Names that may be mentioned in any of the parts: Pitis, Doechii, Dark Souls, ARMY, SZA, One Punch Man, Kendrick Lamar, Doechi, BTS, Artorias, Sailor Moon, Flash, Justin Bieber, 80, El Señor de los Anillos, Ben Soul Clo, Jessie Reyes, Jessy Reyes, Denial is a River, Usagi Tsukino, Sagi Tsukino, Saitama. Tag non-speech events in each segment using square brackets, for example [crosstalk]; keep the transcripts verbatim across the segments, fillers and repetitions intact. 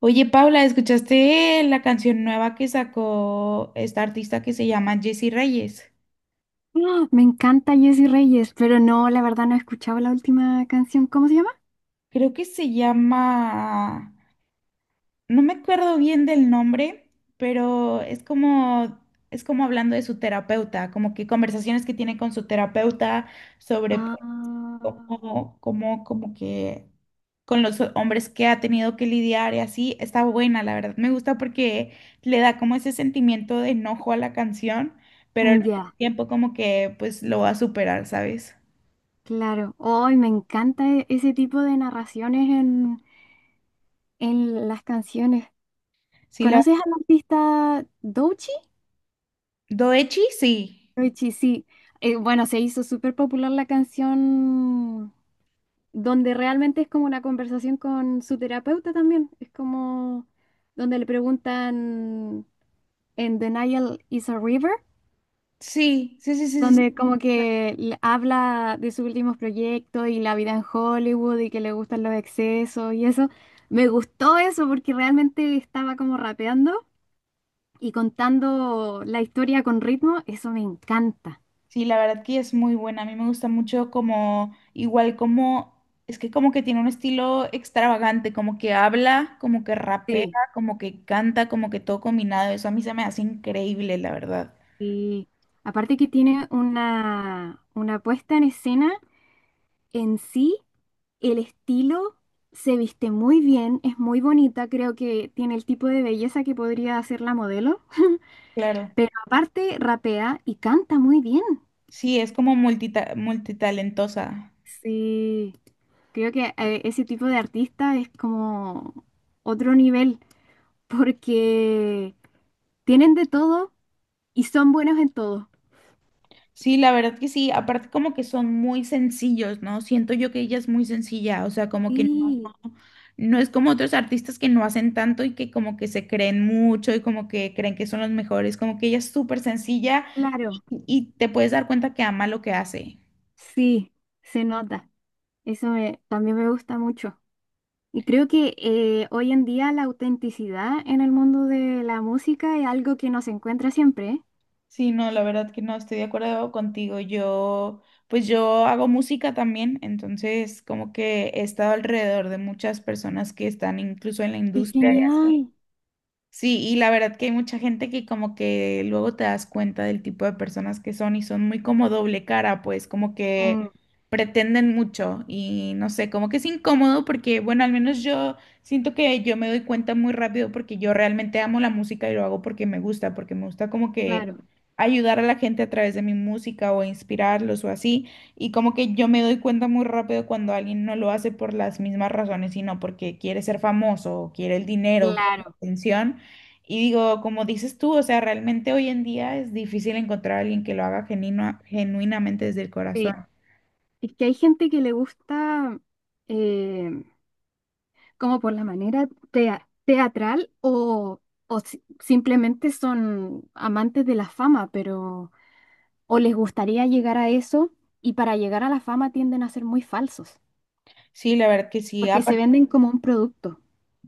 Oye, Paula, ¿escuchaste eh, la canción nueva que sacó esta artista que se llama Jessie Reyes? [gasps] ¡Ah! Me encanta Jessy Reyes, pero no, la verdad no he escuchado la última canción. ¿Cómo se llama? Creo que se llama, no me acuerdo bien del nombre, pero es como es como hablando de su terapeuta, como que conversaciones que tiene con su terapeuta sobre Ah, como, como, como que con los hombres que ha tenido que lidiar y así, está buena, la verdad. Me gusta porque le da como ese sentimiento de enojo a la canción, pero al mismo ya, tiempo como que pues lo va a superar, ¿sabes? claro. Hoy me encanta e- ese tipo de narraciones en, en las canciones. Sí, la... ¿Conoces al artista Doechii? Doechi, sí. Doechii, sí. Eh, bueno, se hizo súper popular la canción donde realmente es como una conversación con su terapeuta también. Es como donde le preguntan en Denial is a River. Sí, sí, sí, sí, sí, sí. Donde como que l- habla de sus últimos proyectos y la vida en Hollywood y que le gustan los excesos y eso. Me gustó eso porque realmente estaba como rapeando y contando la historia con ritmo, eso me encanta. Sí, la verdad que es muy buena. A mí me gusta mucho como, igual como, es que como que tiene un estilo extravagante, como que habla, como que rapea, Sí. como que canta, como que todo combinado. Eso a mí se me hace increíble, la verdad. Y aparte que tiene una, una puesta en escena en sí, el estilo, se viste muy bien, es muy bonita, creo que tiene el tipo de belleza que podría hacer la modelo. Claro. Pero aparte rapea y canta muy bien. Sí, es como multita multitalentosa. Sí, creo que eh, ese tipo de artista es como otro nivel, porque tienen de todo y son buenos en todo. Sí, la verdad que sí, aparte como que son muy sencillos, ¿no? Siento yo que ella es muy sencilla, o sea, como que no, Sí, no es como otros artistas que no hacen tanto y que como que se creen mucho y como que creen que son los mejores, como que ella es súper sencilla claro, y te puedes dar cuenta que ama lo que hace. sí, se nota. Eso me- también me gusta mucho. Y creo que eh, hoy en día la autenticidad en el mundo de la música es algo que nos encuentra siempre, ¿eh? Sí, no, la verdad que no, estoy de acuerdo contigo. Yo, pues yo hago música también, entonces como que he estado alrededor de muchas personas que están incluso en la ¡Qué industria, y así. genial! Sí, y la verdad que hay mucha gente que como que luego te das cuenta del tipo de personas que son y son muy como doble cara, pues como Mm, que pretenden mucho y no sé, como que es incómodo porque, bueno, al menos yo siento que yo me doy cuenta muy rápido porque yo realmente amo la música y lo hago porque me gusta, porque me gusta como que claro, ayudar a la gente a través de mi música o inspirarlos o así, y como que yo me doy cuenta muy rápido cuando alguien no lo hace por las mismas razones, sino porque quiere ser famoso o quiere el dinero, quiere la claro, atención. Y digo, como dices tú, o sea, realmente hoy en día es difícil encontrar a alguien que lo haga genuino- genuinamente desde el sí. corazón. Es que hay gente que le gusta eh, como por la manera tea- teatral o, o si- simplemente son amantes de la fama, pero o les gustaría llegar a eso y para llegar a la fama tienden a ser muy falsos, Sí, la verdad que sí. porque se Aparte, venden como un producto.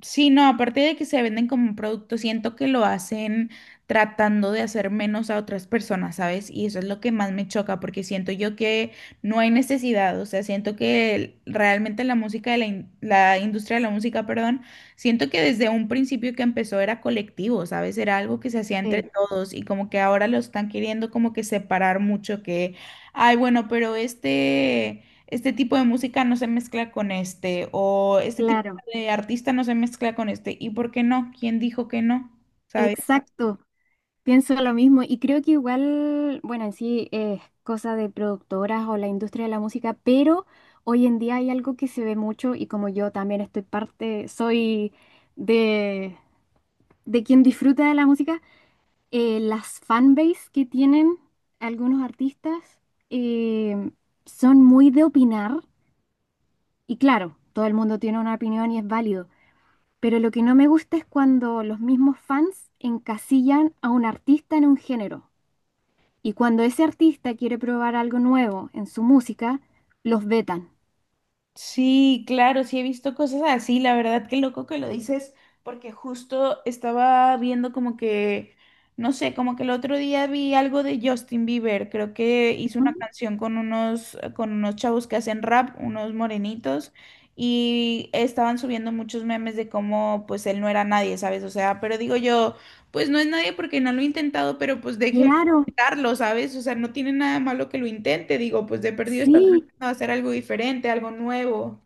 sí, no, aparte de que se venden como un producto, siento que lo hacen tratando de hacer menos a otras personas, ¿sabes? Y eso es lo que más me choca, porque siento yo que no hay necesidad, o sea, siento que el- realmente la música de la, in- la industria de la música, perdón, siento que desde un principio que empezó era colectivo, ¿sabes? Era algo que se hacía entre Sí, todos y como que ahora lo están queriendo como que separar mucho, que, ay, bueno, pero este... Este tipo de música no se mezcla con este, o este tipo claro, de artista no se mezcla con este. ¿Y por qué no? ¿Quién dijo que no? ¿Sabes? exacto. Pienso lo mismo y creo que igual, bueno, en sí es cosa de productoras o la industria de la música, pero hoy en día hay algo que se ve mucho y como yo también estoy parte, soy de, de quien disfruta de la música, eh, las fanbase que tienen algunos artistas, eh, son muy de opinar y claro, todo el mundo tiene una opinión y es válido, pero lo que no me gusta es cuando los mismos fans encasillan a un artista en un género. Y cuando ese artista quiere probar algo nuevo en su música, los vetan. Sí, claro, sí he visto cosas así, la verdad qué loco que lo dices, porque justo estaba viendo como que, no sé, como que el otro día vi algo de Justin Bieber, creo que hizo una Ujú. canción con unos, con unos chavos que hacen rap, unos morenitos, y estaban subiendo muchos memes de cómo pues él no era nadie, ¿sabes? O sea, pero digo yo, pues no es nadie porque no lo he intentado, pero pues déjenlo Claro, intentarlo, ¿sabes? O sea, no tiene nada malo que lo intente, digo, pues de perdido sí. no, hacer algo diferente, algo nuevo,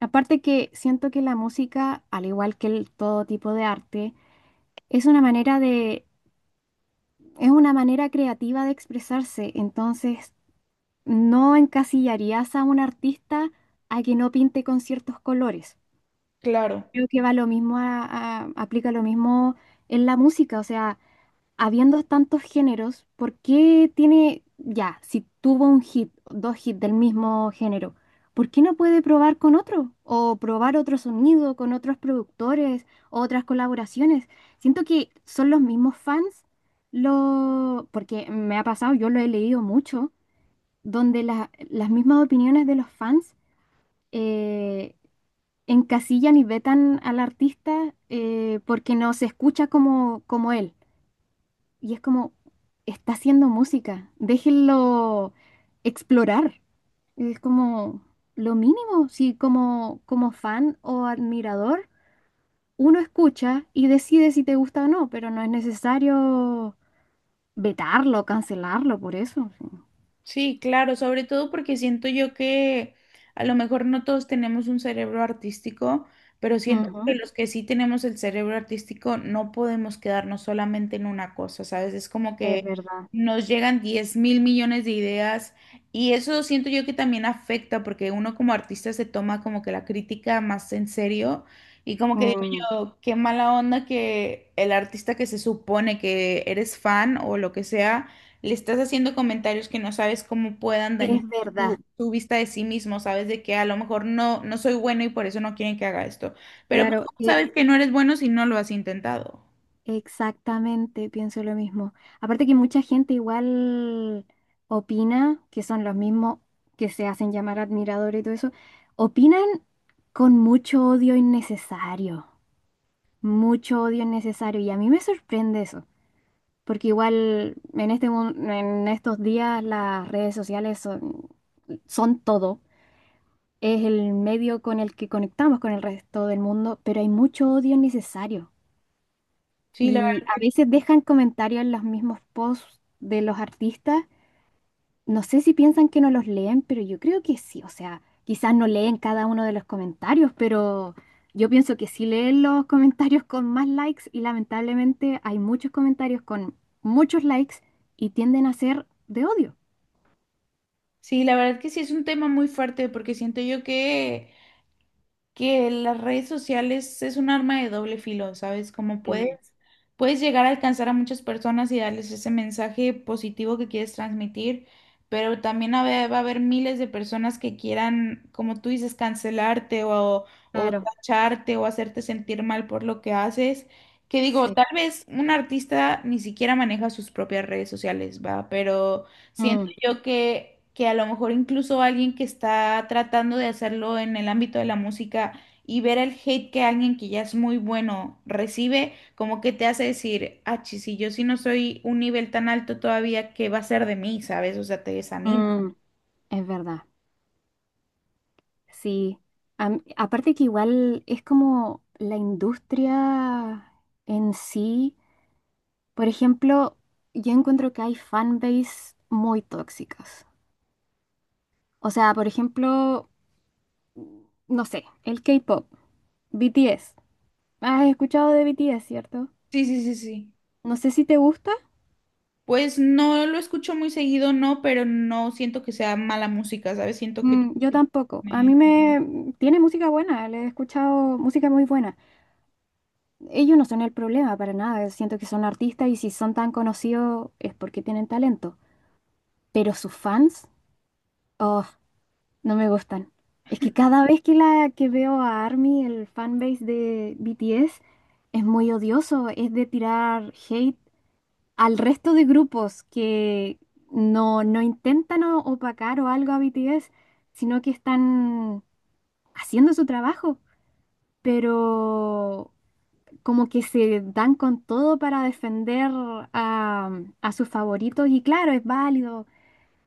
Aparte que siento que la música, al igual que el- todo tipo de arte, es una manera de, es una manera creativa de expresarse. Entonces, no encasillarías a un artista a que no pinte con ciertos colores. claro. Creo que va lo mismo a- a- aplica lo mismo en la música. O sea, habiendo tantos géneros, ¿por qué tiene, ya, si tuvo un hit, dos hits del mismo género, ¿por qué no puede probar con otro? O probar otro sonido con otros productores, otras colaboraciones. Siento que son los mismos fans, lo, porque me ha pasado, yo lo he leído mucho, donde la- las mismas opiniones de los fans, eh, encasillan y vetan al artista, eh, porque no se escucha como, como él. Y es como, está haciendo música, déjenlo explorar. Es como lo mínimo, si como, como fan o admirador uno escucha y decide si te gusta o no, pero no es necesario vetarlo, cancelarlo por eso. Sí. Sí, claro, sobre todo porque siento yo que a lo mejor no todos tenemos un cerebro artístico, pero siento Ujú, que los que sí tenemos el cerebro artístico no podemos quedarnos solamente en una cosa, ¿sabes? Es como es que verdad. nos llegan diez mil millones de ideas y eso siento yo que también afecta porque uno como artista se toma como que la crítica más en serio y como que digo Mm, yo, qué mala onda que el artista que se supone que eres fan o lo que sea le estás haciendo comentarios que no sabes cómo puedan es dañar verdad. tu, tu vista de sí mismo, sabes de que a lo mejor no, no soy bueno y por eso no quieren que haga esto. Pero pues, Claro, ¿cómo Eh, sabes que no eres bueno si no lo has intentado? exactamente, pienso lo mismo. Aparte que mucha gente igual opina, que son los mismos que se hacen llamar admiradores y todo eso, opinan con mucho odio innecesario, mucho odio innecesario. Y a mí me sorprende eso, porque igual en este, mun- en estos días las redes sociales son, son todo. Es el medio con el que conectamos con el resto del mundo, pero hay mucho odio innecesario. Sí, la Y verdad a que, veces dejan comentarios en los mismos posts de los artistas. No sé si piensan que no los leen, pero yo creo que sí. O sea, quizás no leen cada uno de los comentarios, pero yo pienso que sí leen los comentarios con más likes y lamentablemente hay muchos comentarios con muchos likes y tienden a ser de odio. sí, la verdad que sí es un tema muy fuerte porque siento yo que que las redes sociales es un arma de doble filo, ¿sabes? Como Mm. puedes, puedes llegar a alcanzar a muchas personas y darles ese mensaje positivo que quieres transmitir, pero también a ve- va a haber miles de personas que quieran, como tú dices, cancelarte o, o Claro, tacharte o hacerte sentir mal por lo que haces. Que digo, sí. tal vez un artista ni siquiera maneja sus propias redes sociales, ¿va? Pero siento Mm, yo que, que a lo mejor incluso alguien que está tratando de hacerlo en el ámbito de la música y ver el hate que alguien que ya es muy bueno recibe, como que te hace decir, ah, chis, si yo sí no soy un nivel tan alto todavía, ¿qué va a ser de mí? ¿Sabes? O sea, te desanima. mm, es verdad, sí. Am- aparte que igual es como la industria en sí. Por ejemplo, yo encuentro que hay fanbase muy tóxicas. O sea, por ejemplo, no sé, el K-pop, B T S. ¿Has escuchado de B T S, cierto? Sí, sí, sí, sí. No sé si te gusta. Pues no lo escucho muy seguido, no, pero no siento que sea mala música, ¿sabes? Siento que... Mm, yo tampoco. A mí tiene... me... Tiene música buena, le he escuchado música muy buena. Ellos no son el problema para nada. Siento que son artistas y si son tan conocidos es porque tienen talento. Pero sus fans, oh, no me gustan. Es que cada vez que la que veo a ARMY, el fanbase de B T S, es muy odioso, es de tirar hate al resto de grupos que no, no intentan o- opacar o algo a B T S, sino que están haciendo su trabajo, pero como que se dan con todo para defender a, a sus favoritos y claro, es válido,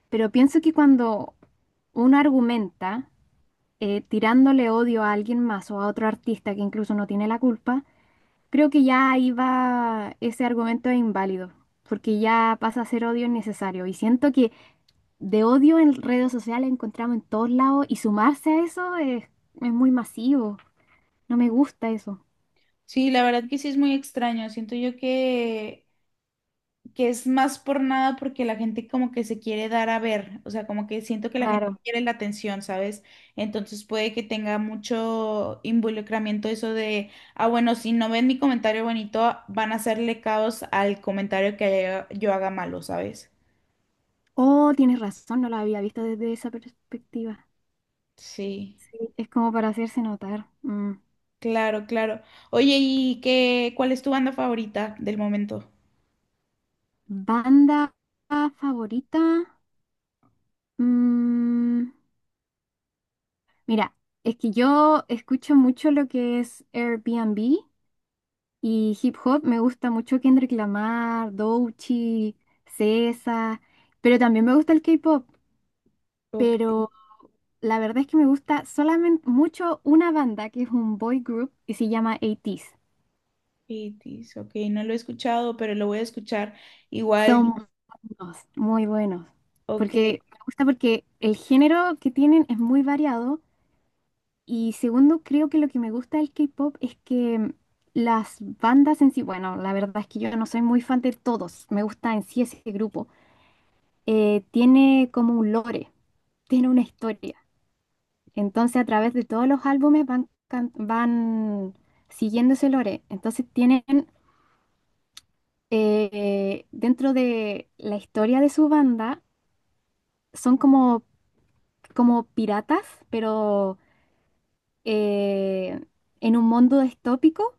pero pienso que cuando uno argumenta, eh, tirándole odio a alguien más o a otro artista que incluso no tiene la culpa, creo que ya ahí va ese argumento es inválido, porque ya pasa a ser odio innecesario. Y siento que de odio en redes sociales encontramos en todos lados y sumarse a eso es, es muy masivo. No me gusta eso. Sí, la verdad que sí es muy extraño. Siento yo que que es más por nada porque la gente como que se quiere dar a ver, o sea, como que siento que la gente Claro. quiere la atención, ¿sabes? Entonces puede que tenga mucho involucramiento eso de, ah, bueno, si no ven mi comentario bonito, van a hacerle caos al comentario que haya- yo haga malo, ¿sabes? Oh, tienes razón, no la había visto desde esa perspectiva. Sí, Sí. Es como para hacerse notar. Mm. claro, claro. Oye, ¿y qué, cuál es tu banda favorita del momento? Banda favorita. Mm. Mira, es que yo escucho mucho lo que es Airbnb y hip hop. Me gusta mucho Kendrick Lamar, Doechii, S Z A, pero también me gusta el K-pop. Ok, Pero la verdad es que me gusta solamente mucho una banda que es un boy group y se llama ochenta. Pitis, ok, no lo he escuchado, pero lo voy a escuchar igual. Son buenos, muy buenos. Ok, Porque me gusta porque el género que tienen es muy variado. Y segundo, creo que lo que me gusta del K-pop es que mm, las bandas en sí, bueno, la verdad es que yo no soy muy fan de todos, me gusta en sí ese grupo, eh, tiene como un lore, [laughs] tiene una historia. Entonces a través de todos los álbumes van, can- van siguiendo ese lore. Entonces tienen, eh, dentro de la historia de su banda, son como, como piratas, pero eh, en un mundo distópico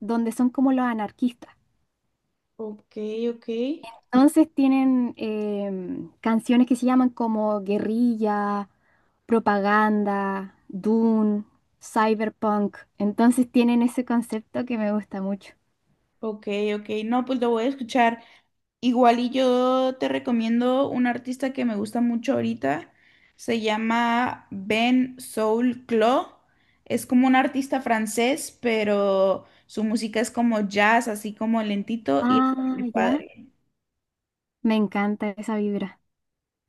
donde son como los anarquistas. ok, ok. Entonces tienen em, canciones que se llaman como Guerrilla, Propaganda, Dune, Cyberpunk. Entonces tienen ese concepto que me gusta mucho. Ok, ok, no, pues lo voy a escuchar. Igual y yo te recomiendo un artista que me gusta mucho ahorita. Se llama Ben Soul Clo. Es como un artista francés, pero su música es como jazz, así como lentito y está Ah, muy ya. padre. Me encanta esa vibra.